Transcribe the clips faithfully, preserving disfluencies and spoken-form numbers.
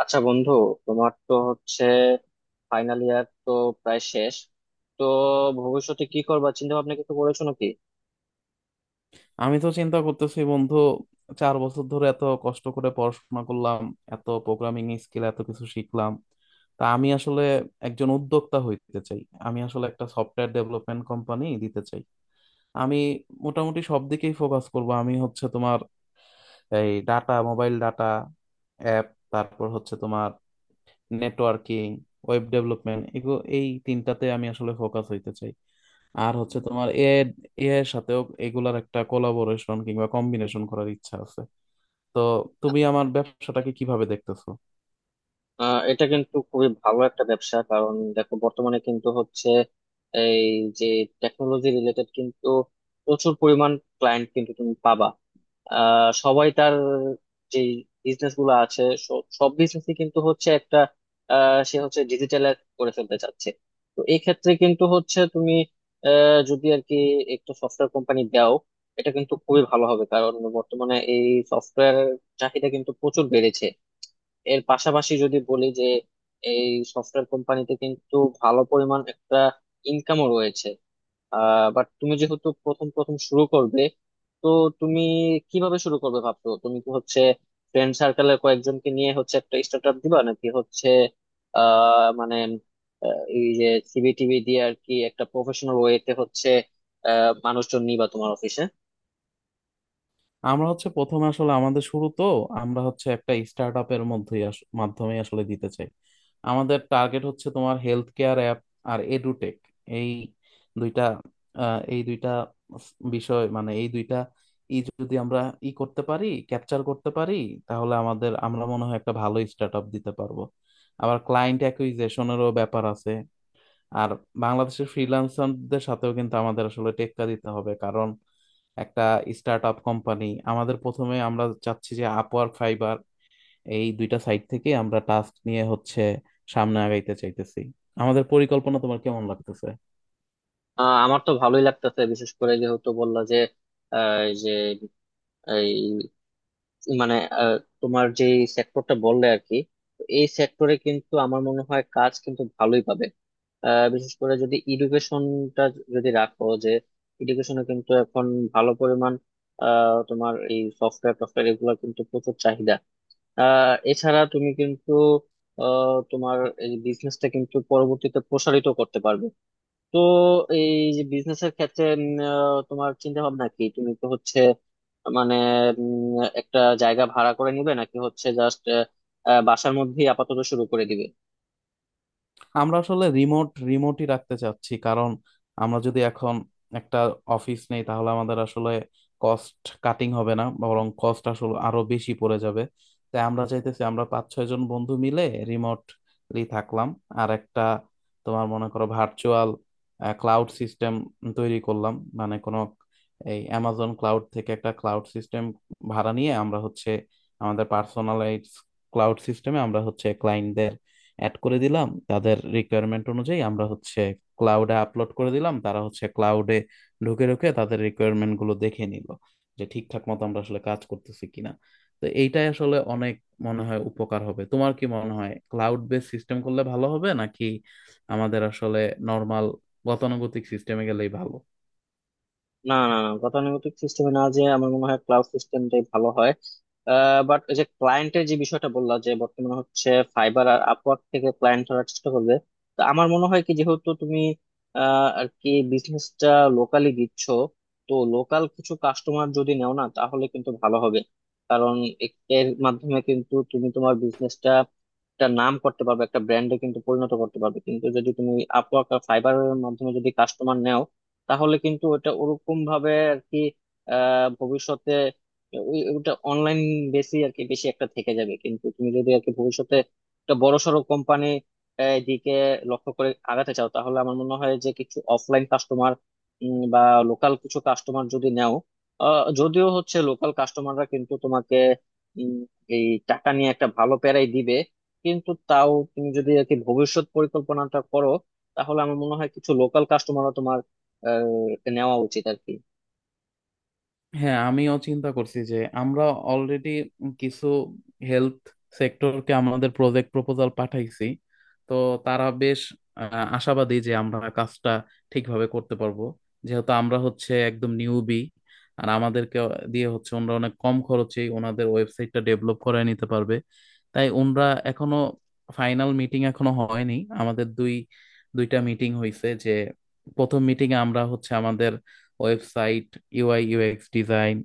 আচ্ছা বন্ধু, তোমার তো হচ্ছে ফাইনাল ইয়ার তো প্রায় শেষ। তো ভবিষ্যতে কি করবা, চিন্তা ভাবনা কিছু করেছো নাকি? আমি তো চিন্তা করতেছি বন্ধু। চার বছর ধরে এত কষ্ট করে পড়াশোনা করলাম, এত প্রোগ্রামিং স্কিল এত কিছু শিখলাম। তা আমি আসলে একজন উদ্যোক্তা হইতে চাই। আমি আসলে একটা সফটওয়্যার ডেভেলপমেন্ট কোম্পানি দিতে চাই। আমি মোটামুটি সব দিকেই ফোকাস করব। আমি হচ্ছে তোমার এই ডাটা, মোবাইল ডাটা, অ্যাপ, তারপর হচ্ছে তোমার নেটওয়ার্কিং, ওয়েব ডেভেলপমেন্ট এগুলো, এই তিনটাতে আমি আসলে ফোকাস হইতে চাই। আর হচ্ছে তোমার এ এ এর সাথেও এগুলার একটা কোলাবোরেশন কিংবা কম্বিনেশন করার ইচ্ছা আছে। তো তুমি আমার ব্যবসাটাকে কিভাবে দেখতেছো? আহ এটা কিন্তু খুবই ভালো একটা ব্যবসা। কারণ দেখো, বর্তমানে কিন্তু হচ্ছে এই যে টেকনোলজি রিলেটেড, কিন্তু প্রচুর পরিমাণ ক্লায়েন্ট কিন্তু তুমি পাবা। আহ সবাই তার যে বিজনেস গুলো আছে, স- সব বিজনেসই কিন্তু হচ্ছে একটা, আহ সে হচ্ছে ডিজিটালাইজ করে ফেলতে চাচ্ছে। তো এই ক্ষেত্রে কিন্তু হচ্ছে তুমি আহ যদি আর কি একটা সফটওয়্যার কোম্পানি দাও, এটা কিন্তু খুবই ভালো হবে। কারণ বর্তমানে এই সফটওয়্যার চাহিদা কিন্তু প্রচুর বেড়েছে। এর পাশাপাশি যদি বলি যে এই সফটওয়্যার কোম্পানিতে কিন্তু ভালো পরিমাণ একটা ইনকামও রয়েছে। আহ বাট তুমি যেহেতু প্রথম প্রথম শুরু করবে, তো তুমি কিভাবে শুরু করবে ভাবছো? তুমি কি হচ্ছে ফ্রেন্ড সার্কেলের কয়েকজনকে নিয়ে হচ্ছে একটা স্টার্ট আপ দিবা, নাকি হচ্ছে আহ মানে আহ, এই যে সিভি টিভি দিয়ে আর কি একটা প্রফেশনাল ওয়েতে হচ্ছে আহ মানুষজন নিবা তোমার অফিসে? আমরা হচ্ছে প্রথমে আসলে আমাদের শুরু তো আমরা হচ্ছে একটা স্টার্ট আপের মধ্যেই আস- মাধ্যমে আসলে দিতে চাই। আমাদের টার্গেট হচ্ছে তোমার হেলথ কেয়ার অ্যাপ আর এডুটেক, এই দুইটা, আহ, এই দুইটা স- বিষয়, মানে এই দুইটা ই যদি আমরা ই করতে পারি, ক্যাপচার করতে পারি, তাহলে আমাদের আমরা মনে হয় একটা ভালো স্টার্ট আপ দিতে পারবো। আবার ক্লায়েন্ট অ্যাকুইজিশনেরও ব্যাপার আছে। আর বাংলাদেশের ফ্রিল্যান্সারদের সাথেও কিন্তু আমাদের আসলে টেক্কা দিতে হবে, কারণ একটা স্টার্ট আপ কোম্পানি আমাদের প্রথমে, আমরা চাচ্ছি যে আপওয়ার্ক, ফাইবার, এই দুইটা সাইট থেকে আমরা টাস্ক নিয়ে হচ্ছে সামনে আগাইতে চাইতেছি। আমাদের পরিকল্পনা তোমার কেমন লাগতেছে? আহ, আমার তো ভালোই লাগতেছে, বিশেষ করে যেহেতু বললা যে আহ, এই যে মানে আহ, তোমার যে সেক্টরটা বললে আর কি। তো এই সেক্টরে কিন্তু আমার মনে হয় কাজ কিন্তু ভালোই পাবে। আহ, বিশেষ করে যদি এডুকেশনটা যদি রাখো, যে এডুকেশনে কিন্তু এখন ভালো পরিমাণ আহ, তোমার এই সফটওয়্যার টফটওয়্যার এগুলো কিন্তু প্রচুর চাহিদা। আহ, এছাড়া তুমি কিন্তু আহ, তোমার এই বিজনেসটা কিন্তু পরবর্তীতে প্রসারিত করতে পারবে। তো এই যে বিজনেসের ক্ষেত্রে উম, আহ, তোমার চিন্তা ভাবনা কি? তুমি তো হচ্ছে মানে উম, একটা জায়গা ভাড়া করে নিবে, নাকি হচ্ছে জাস্ট বাসার মধ্যেই আপাতত শুরু করে দিবে? আমরা আসলে রিমোট রিমোটই রাখতে চাচ্ছি, কারণ আমরা যদি এখন একটা অফিস নেই তাহলে আমাদের আসলে কস্ট কাটিং হবে না, বরং কস্ট আসলে আরো বেশি পড়ে যাবে। তাই আমরা চাইতেছি আমরা পাঁচ ছয় জন বন্ধু মিলে রিমোটলি থাকলাম আর একটা, তোমার মনে করো, ভার্চুয়াল ক্লাউড সিস্টেম তৈরি করলাম। মানে কোনো এই অ্যামাজন ক্লাউড থেকে একটা ক্লাউড সিস্টেম ভাড়া নিয়ে আমরা হচ্ছে আমাদের পার্সোনালাইজ ক্লাউড সিস্টেমে আমরা হচ্ছে ক্লায়েন্টদের অ্যাড করে দিলাম, তাদের রিকোয়ারমেন্ট অনুযায়ী আমরা হচ্ছে ক্লাউডে আপলোড করে দিলাম, তারা হচ্ছে ক্লাউডে ঢুকে ঢুকে তাদের রিকোয়ারমেন্ট গুলো দেখে নিল যে ঠিকঠাক মতো আমরা আসলে কাজ করতেছি কিনা। তো এইটাই আসলে অনেক মনে হয় উপকার হবে। তোমার কি মনে হয় ক্লাউড বেস সিস্টেম করলে ভালো হবে নাকি আমাদের আসলে নর্মাল গতানুগতিক সিস্টেমে গেলেই ভালো? না না না, গতানুগতিক সিস্টেমে না, যে আমার মনে হয় ক্লাউড সিস্টেমটাই ভালো হয়। বাট যে ক্লায়েন্টের যে বিষয়টা বললা যে বর্তমানে হচ্ছে ফাইবার আর আপওয়ার্ক থেকে ক্লায়েন্ট ধরার চেষ্টা করবে, তো আমার মনে হয় কি, যেহেতু তুমি আহ, আর কি বিজনেসটা লোকালি দিচ্ছ, তো লোকাল কিছু কাস্টমার যদি নেও না, তাহলে কিন্তু ভালো হবে। কারণ এ- এর মাধ্যমে কিন্তু তুমি তোমার বিজনেসটা একটা নাম করতে পারবে, একটা ব্র্যান্ডে কিন্তু পরিণত করতে পারবে। কিন্তু যদি তুমি আপওয়ার্ক আর ফাইবারের মাধ্যমে যদি কাস্টমার নেও, তাহলে কিন্তু ওটা ওরকম ভাবে আর কি আহ ভবিষ্যতে ওই ওটা অনলাইন বেশি আর কি বেশি একটা থেকে যাবে। কিন্তু তুমি যদি আর কি ভবিষ্যতে একটা বড়সড় কোম্পানি দিকে লক্ষ্য করে আগাতে চাও, তাহলে আমার মনে হয় যে কিছু অফলাইন কাস্টমার বা লোকাল কিছু কাস্টমার যদি নেও। আহ, যদিও হচ্ছে লোকাল কাস্টমাররা কিন্তু তোমাকে উম, এই টাকা নিয়ে একটা ভালো প্যারাই দিবে, কিন্তু তাও তুমি যদি আর কি ভবিষ্যৎ পরিকল্পনাটা করো, তাহলে আমার মনে হয় কিছু লোকাল কাস্টমারও তোমার আহ, নেওয়া উচিত আর কি। হ্যাঁ, আমিও চিন্তা করছি যে আমরা অলরেডি কিছু হেলথ সেক্টরকে আমাদের প্রজেক্ট প্রপোজাল পাঠাইছি। তো তারা বেশ আহ, আশাবাদী যে আমরা কাজটা ঠিকভাবে করতে পারবো, যেহেতু আমরা হচ্ছে একদম নিউবি আর আমাদেরকে দিয়ে হচ্ছে ওনারা অনেক কম খরচে ওনাদের ওয়েবসাইটটা ডেভেলপ করে নিতে পারবে। তাই ওনারা এখনো, ফাইনাল মিটিং এখনো হয়নি, আমাদের দুই দুইটা মিটিং হয়েছে। যে প্রথম মিটিং এ আমরা হচ্ছে আমাদের ওয়েবসাইট, ইউআই ইউএক্স ডিজাইন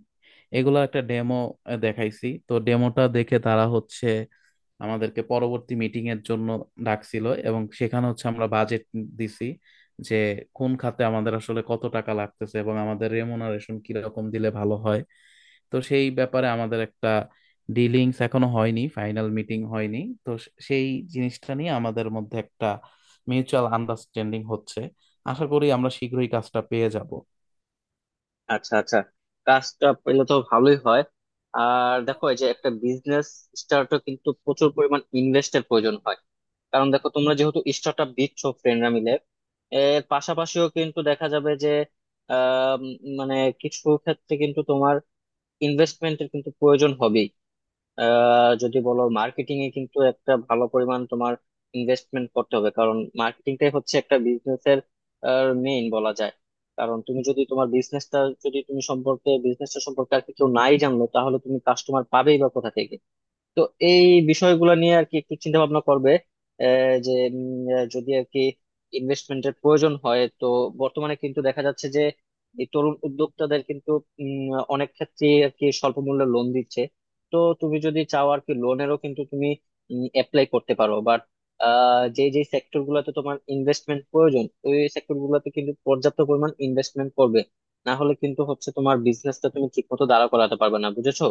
এগুলো একটা ডেমো দেখাইছি, তো ডেমোটা দেখে তারা হচ্ছে আমাদেরকে পরবর্তী মিটিং এর জন্য ডাকছিল এবং সেখানে হচ্ছে আমরা বাজেট দিছি, যে কোন খাতে আমাদের আসলে কত টাকা লাগতেছে এবং আমাদের রেমুনারেশন কিরকম দিলে ভালো হয়। তো সেই ব্যাপারে আমাদের একটা ডিলিংস এখনো হয়নি, ফাইনাল মিটিং হয়নি। তো সে- সেই জিনিসটা নিয়ে আমাদের মধ্যে একটা মিউচুয়াল আন্ডারস্ট্যান্ডিং হচ্ছে। আশা করি আমরা শীঘ্রই কাজটা পেয়ে যাব। আচ্ছা আচ্ছা, কাজটা পেলে তো ভালোই হয়। আর দেখো, এই যে একটা বিজনেস স্টার্টও কিন্তু প্রচুর পরিমাণ ইনভেস্টের প্রয়োজন হয়। কারণ দেখো, তোমরা যেহেতু স্টার্ট আপ দিচ্ছ ফ্রেন্ডরা মিলে, এর পাশাপাশিও কিন্তু দেখা যাবে যে আহ উম, মানে কিছু ক্ষেত্রে কিন্তু তোমার ইনভেস্টমেন্টের কিন্তু প্রয়োজন হবে। আহ, যদি বলো মার্কেটিং এ কিন্তু একটা ভালো পরিমাণ তোমার ইনভেস্টমেন্ট করতে হবে, কারণ মার্কেটিংটাই হচ্ছে একটা বিজনেসের মেইন বলা যায়। কারণ তুমি যদি তোমার বিজনেসটা, যদি তুমি সম্পর্কে বিজনেসটা সম্পর্কে আর কি কেউ নাই জানলো, তাহলে তুমি কাস্টমার পাবেই বা কোথা থেকে? তো এই বিষয়গুলো নিয়ে আর কি একটু চিন্তা ভাবনা করবে। আহ, যে উম, আহ, যদি আর কি ইনভেস্টমেন্টের প্রয়োজন হয়, তো বর্তমানে কিন্তু দেখা যাচ্ছে যে এই তরুণ উদ্যোক্তাদের কিন্তু উম, অনেক ক্ষেত্রে আর কি স্বল্প মূল্যে লোন দিচ্ছে। তো তুমি যদি চাও আর কি, লোনেরও কিন্তু তুমি অ্যাপ্লাই করতে পারো। বাট যে যে সেক্টর গুলোতে তোমার ইনভেস্টমেন্ট প্রয়োজন, ওই সেক্টর গুলোতে কিন্তু পর্যাপ্ত পরিমাণ ইনভেস্টমেন্ট করবে। না হলে কিন্তু হচ্ছে তোমার বিজনেসটা তুমি ঠিক মতো দাঁড়া করাতে পারবে না, বুঝেছো?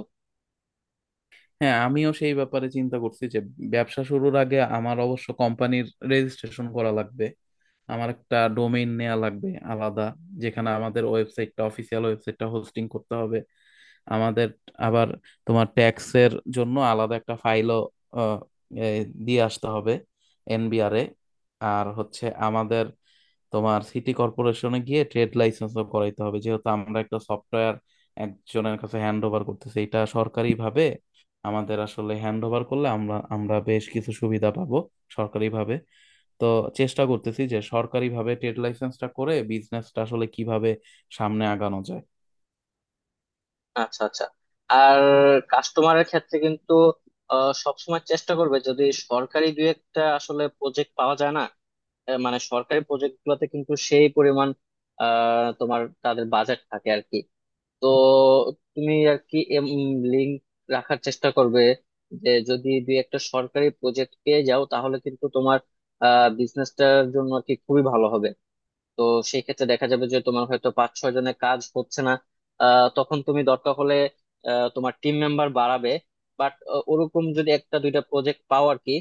হ্যাঁ, আমিও সেই ব্যাপারে চিন্তা করছি যে ব্যবসা শুরুর আগে আমার অবশ্য কোম্পানির রেজিস্ট্রেশন করা লাগবে। আমার একটা ডোমেইন নেওয়া লাগবে আলাদা, যেখানে আমাদের ওয়েবসাইটটা, অফিসিয়াল ওয়েবসাইটটা হোস্টিং করতে হবে। আমাদের আবার তোমার ট্যাক্সের জন্য আলাদা একটা ফাইলও দিয়ে আসতে হবে এনবিআরে। আর হচ্ছে আমাদের তোমার সিটি কর্পোরেশনে গিয়ে ট্রেড লাইসেন্স করাইতে হবে, যেহেতু আমরা একটা সফটওয়্যার একজনের কাছে হ্যান্ড ওভার করতেছি, এটা সরকারি ভাবে আমাদের আসলে হ্যান্ড ওভার করলে আমরা আমরা বেশ কিছু সুবিধা পাবো সরকারি ভাবে। তো চেষ্টা করতেছি যে সরকারি ভাবে ট্রেড লাইসেন্সটা করে বিজনেসটা আসলে কিভাবে সামনে আগানো যায়। আচ্ছা আচ্ছা। আর কাস্টমারের ক্ষেত্রে কিন্তু আহ, সবসময় চেষ্টা করবে যদি সরকারি দুই একটা আসলে প্রজেক্ট পাওয়া যায় না। আহ, মানে সরকারি প্রজেক্ট গুলোতে কিন্তু সেই পরিমাণ আহ, তোমার তাদের বাজেট থাকে আর কি। তো তুমি আর কি লিঙ্ক রাখার চেষ্টা করবে, যে যদি দুই একটা সরকারি প্রজেক্ট পেয়ে যাও, তাহলে কিন্তু তোমার বিজনেসটার জন্য আর কি খুবই ভালো হবে। তো সেই ক্ষেত্রে দেখা যাবে যে তোমার হয়তো পাঁচ ছয় জনের কাজ হচ্ছে না। আহ, তখন তুমি দরকার হলে আহ, তোমার টিম মেম্বার বাড়াবে। বাট ওরকম যদি একটা দুইটা প্রজেক্ট পাও আর কি,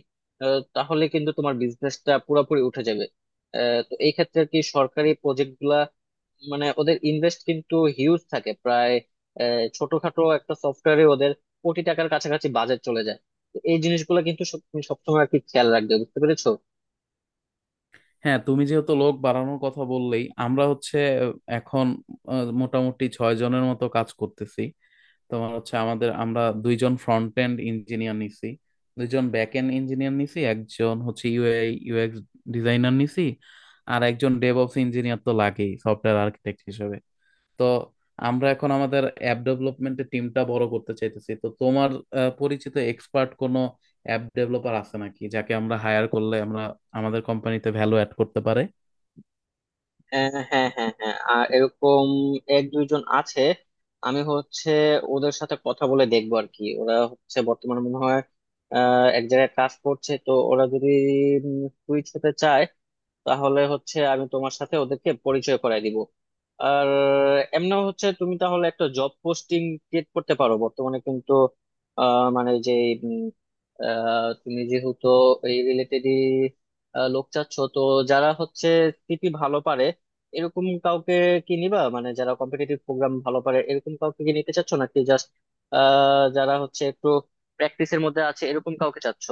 আহ, তাহলে কিন্তু তোমার বিজনেসটা পুরোপুরি উঠে যাবে। আহ, তো এই ক্ষেত্রে আর কি সরকারি প্রজেক্ট গুলা মানে ওদের ইনভেস্ট কিন্তু হিউজ থাকে প্রায়। আহ, ছোটখাটো একটা সফটওয়্যারে ওদের কোটি টাকার কাছাকাছি বাজেট চলে যায়। তো এই জিনিসগুলো কিন্তু সব- তুমি সবসময় আর কি খেয়াল রাখবে, বুঝতে পেরেছো? হ্যাঁ, তুমি যেহেতু লোক বাড়ানোর কথা বললেই আমরা হচ্ছে আহ, এখন আহ, মোটামুটি ছয় জনের মতো কাজ করতেছি। তোমার হচ্ছে আমাদের, আমরা দুইজন ফ্রন্ট এন্ড ইঞ্জিনিয়ার নিছি, দুইজন ব্যাক এন্ড ইঞ্জিনিয়ার নিছি, একজন হচ্ছে ইউআই ইউএক্স ডিজাইনার নিছি, আর একজন ডেভঅপস ইঞ্জিনিয়ার তো লাগেই সফটওয়্যার আর্কিটেক্ট হিসেবে। তো আমরা এখন আমাদের অ্যাপ ডেভেলপমেন্টের টিমটা বড় করতে চাইতেছি। তো তোমার আহ, পরিচিত এক্সপার্ট কোনো অ্যাপ ডেভেলপার আছে নাকি, যাকে আমরা হায়ার করলে আমরা আমাদের কোম্পানিতে ভ্যালু অ্যাড করতে পারে? হ্যাঁ হ্যাঁ হ্যাঁ হ্যাঁ, আর এরকম এক দুইজন আছে। আমি হচ্ছে ওদের সাথে কথা বলে দেখবো আর কি। ওরা হচ্ছে বর্তমানে মনে হয় আহ, এক জায়গায় কাজ করছে। তো ওরা যদি সুইচ হতে চায়, তাহলে হচ্ছে আমি তোমার সাথে ওদেরকে পরিচয় করায় দিব। আর এমনি হচ্ছে তুমি তাহলে একটা জব পোস্টিং ক্রিয়েট করতে পারো। বর্তমানে কিন্তু আহ, মানে যে উম, আহ, তুমি যেহেতু এই রিলেটেডই লোক চাচ্ছ, তো যারা হচ্ছে সিটি ভালো পারে এরকম কাউকে কি নিবা? মানে যারা কম্পিটিটিভ প্রোগ্রাম ভালো পারে এরকম কাউকে কি নিতে চাচ্ছ, নাকি জাস্ট যারা হচ্ছে একটু প্র্যাকটিসের মধ্যে আছে এরকম কাউকে চাচ্ছ?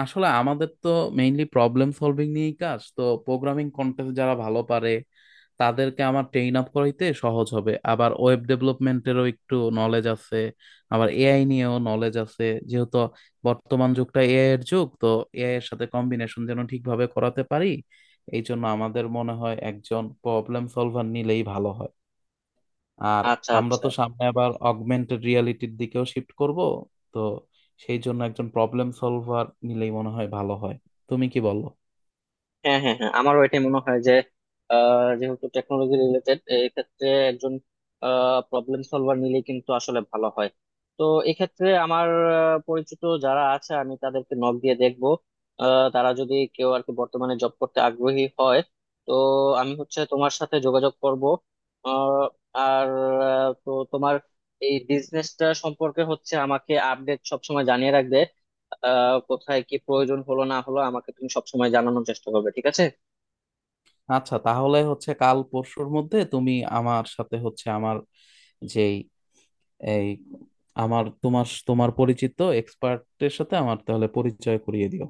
আসলে আমাদের তো মেইনলি প্রবলেম সলভিং নিয়েই কাজ, তো প্রোগ্রামিং কন্টেস্ট যারা ভালো পারে তাদেরকে আমার ট্রেইন আপ করাইতে সহজ হবে। আবার ওয়েব ডেভেলপমেন্টেরও একটু নলেজ আছে, আবার এআই নিয়েও নলেজ আছে। যেহেতু বর্তমান যুগটা এআই এর যুগ, তো এআই এর সাথে কম্বিনেশন যেন ঠিকভাবে করাতে পারি। এই জন্য আমাদের মনে হয় একজন প্রবলেম সলভার নিলেই ভালো হয়। আর আচ্ছা আমরা আচ্ছা। তো সামনে আবার অগমেন্টেড রিয়ালিটির দিকেও শিফট করব। তো সেই জন্য একজন প্রবলেম সলভার নিলেই মনে হয় ভালো হয়। তুমি কি বলো? হ্যাঁ হ্যাঁ হ্যাঁ, আমারও এটাই মনে হয় যে আহ, যেহেতু টেকনোলজি রিলেটেড, এই ক্ষেত্রে একজন প্রবলেম সলভার নিলে কিন্তু আসলে ভালো হয়। তো এক্ষেত্রে আমার আহ, পরিচিত যারা আছে আমি তাদেরকে নক দিয়ে দেখবো। আহ, তারা যদি কেউ আর কি বর্তমানে জব করতে আগ্রহী হয়, তো আমি হচ্ছে তোমার সাথে যোগাযোগ করব। আহ, আর আহ, তো তোমার এই বিজনেসটা সম্পর্কে হচ্ছে আমাকে আপডেট সবসময় জানিয়ে রাখবে। আহ কোথায় কি প্রয়োজন হলো না হলো আমাকে তুমি সবসময় জানানোর চেষ্টা করবে, ঠিক আছে? আচ্ছা, তাহলে হচ্ছে কাল পরশুর মধ্যে তুমি আমার সাথে হচ্ছে আমার যেই এই আমার তোমার তোমার পরিচিত এক্সপার্টের সাথে আমার তাহলে পরিচয় করিয়ে দিও।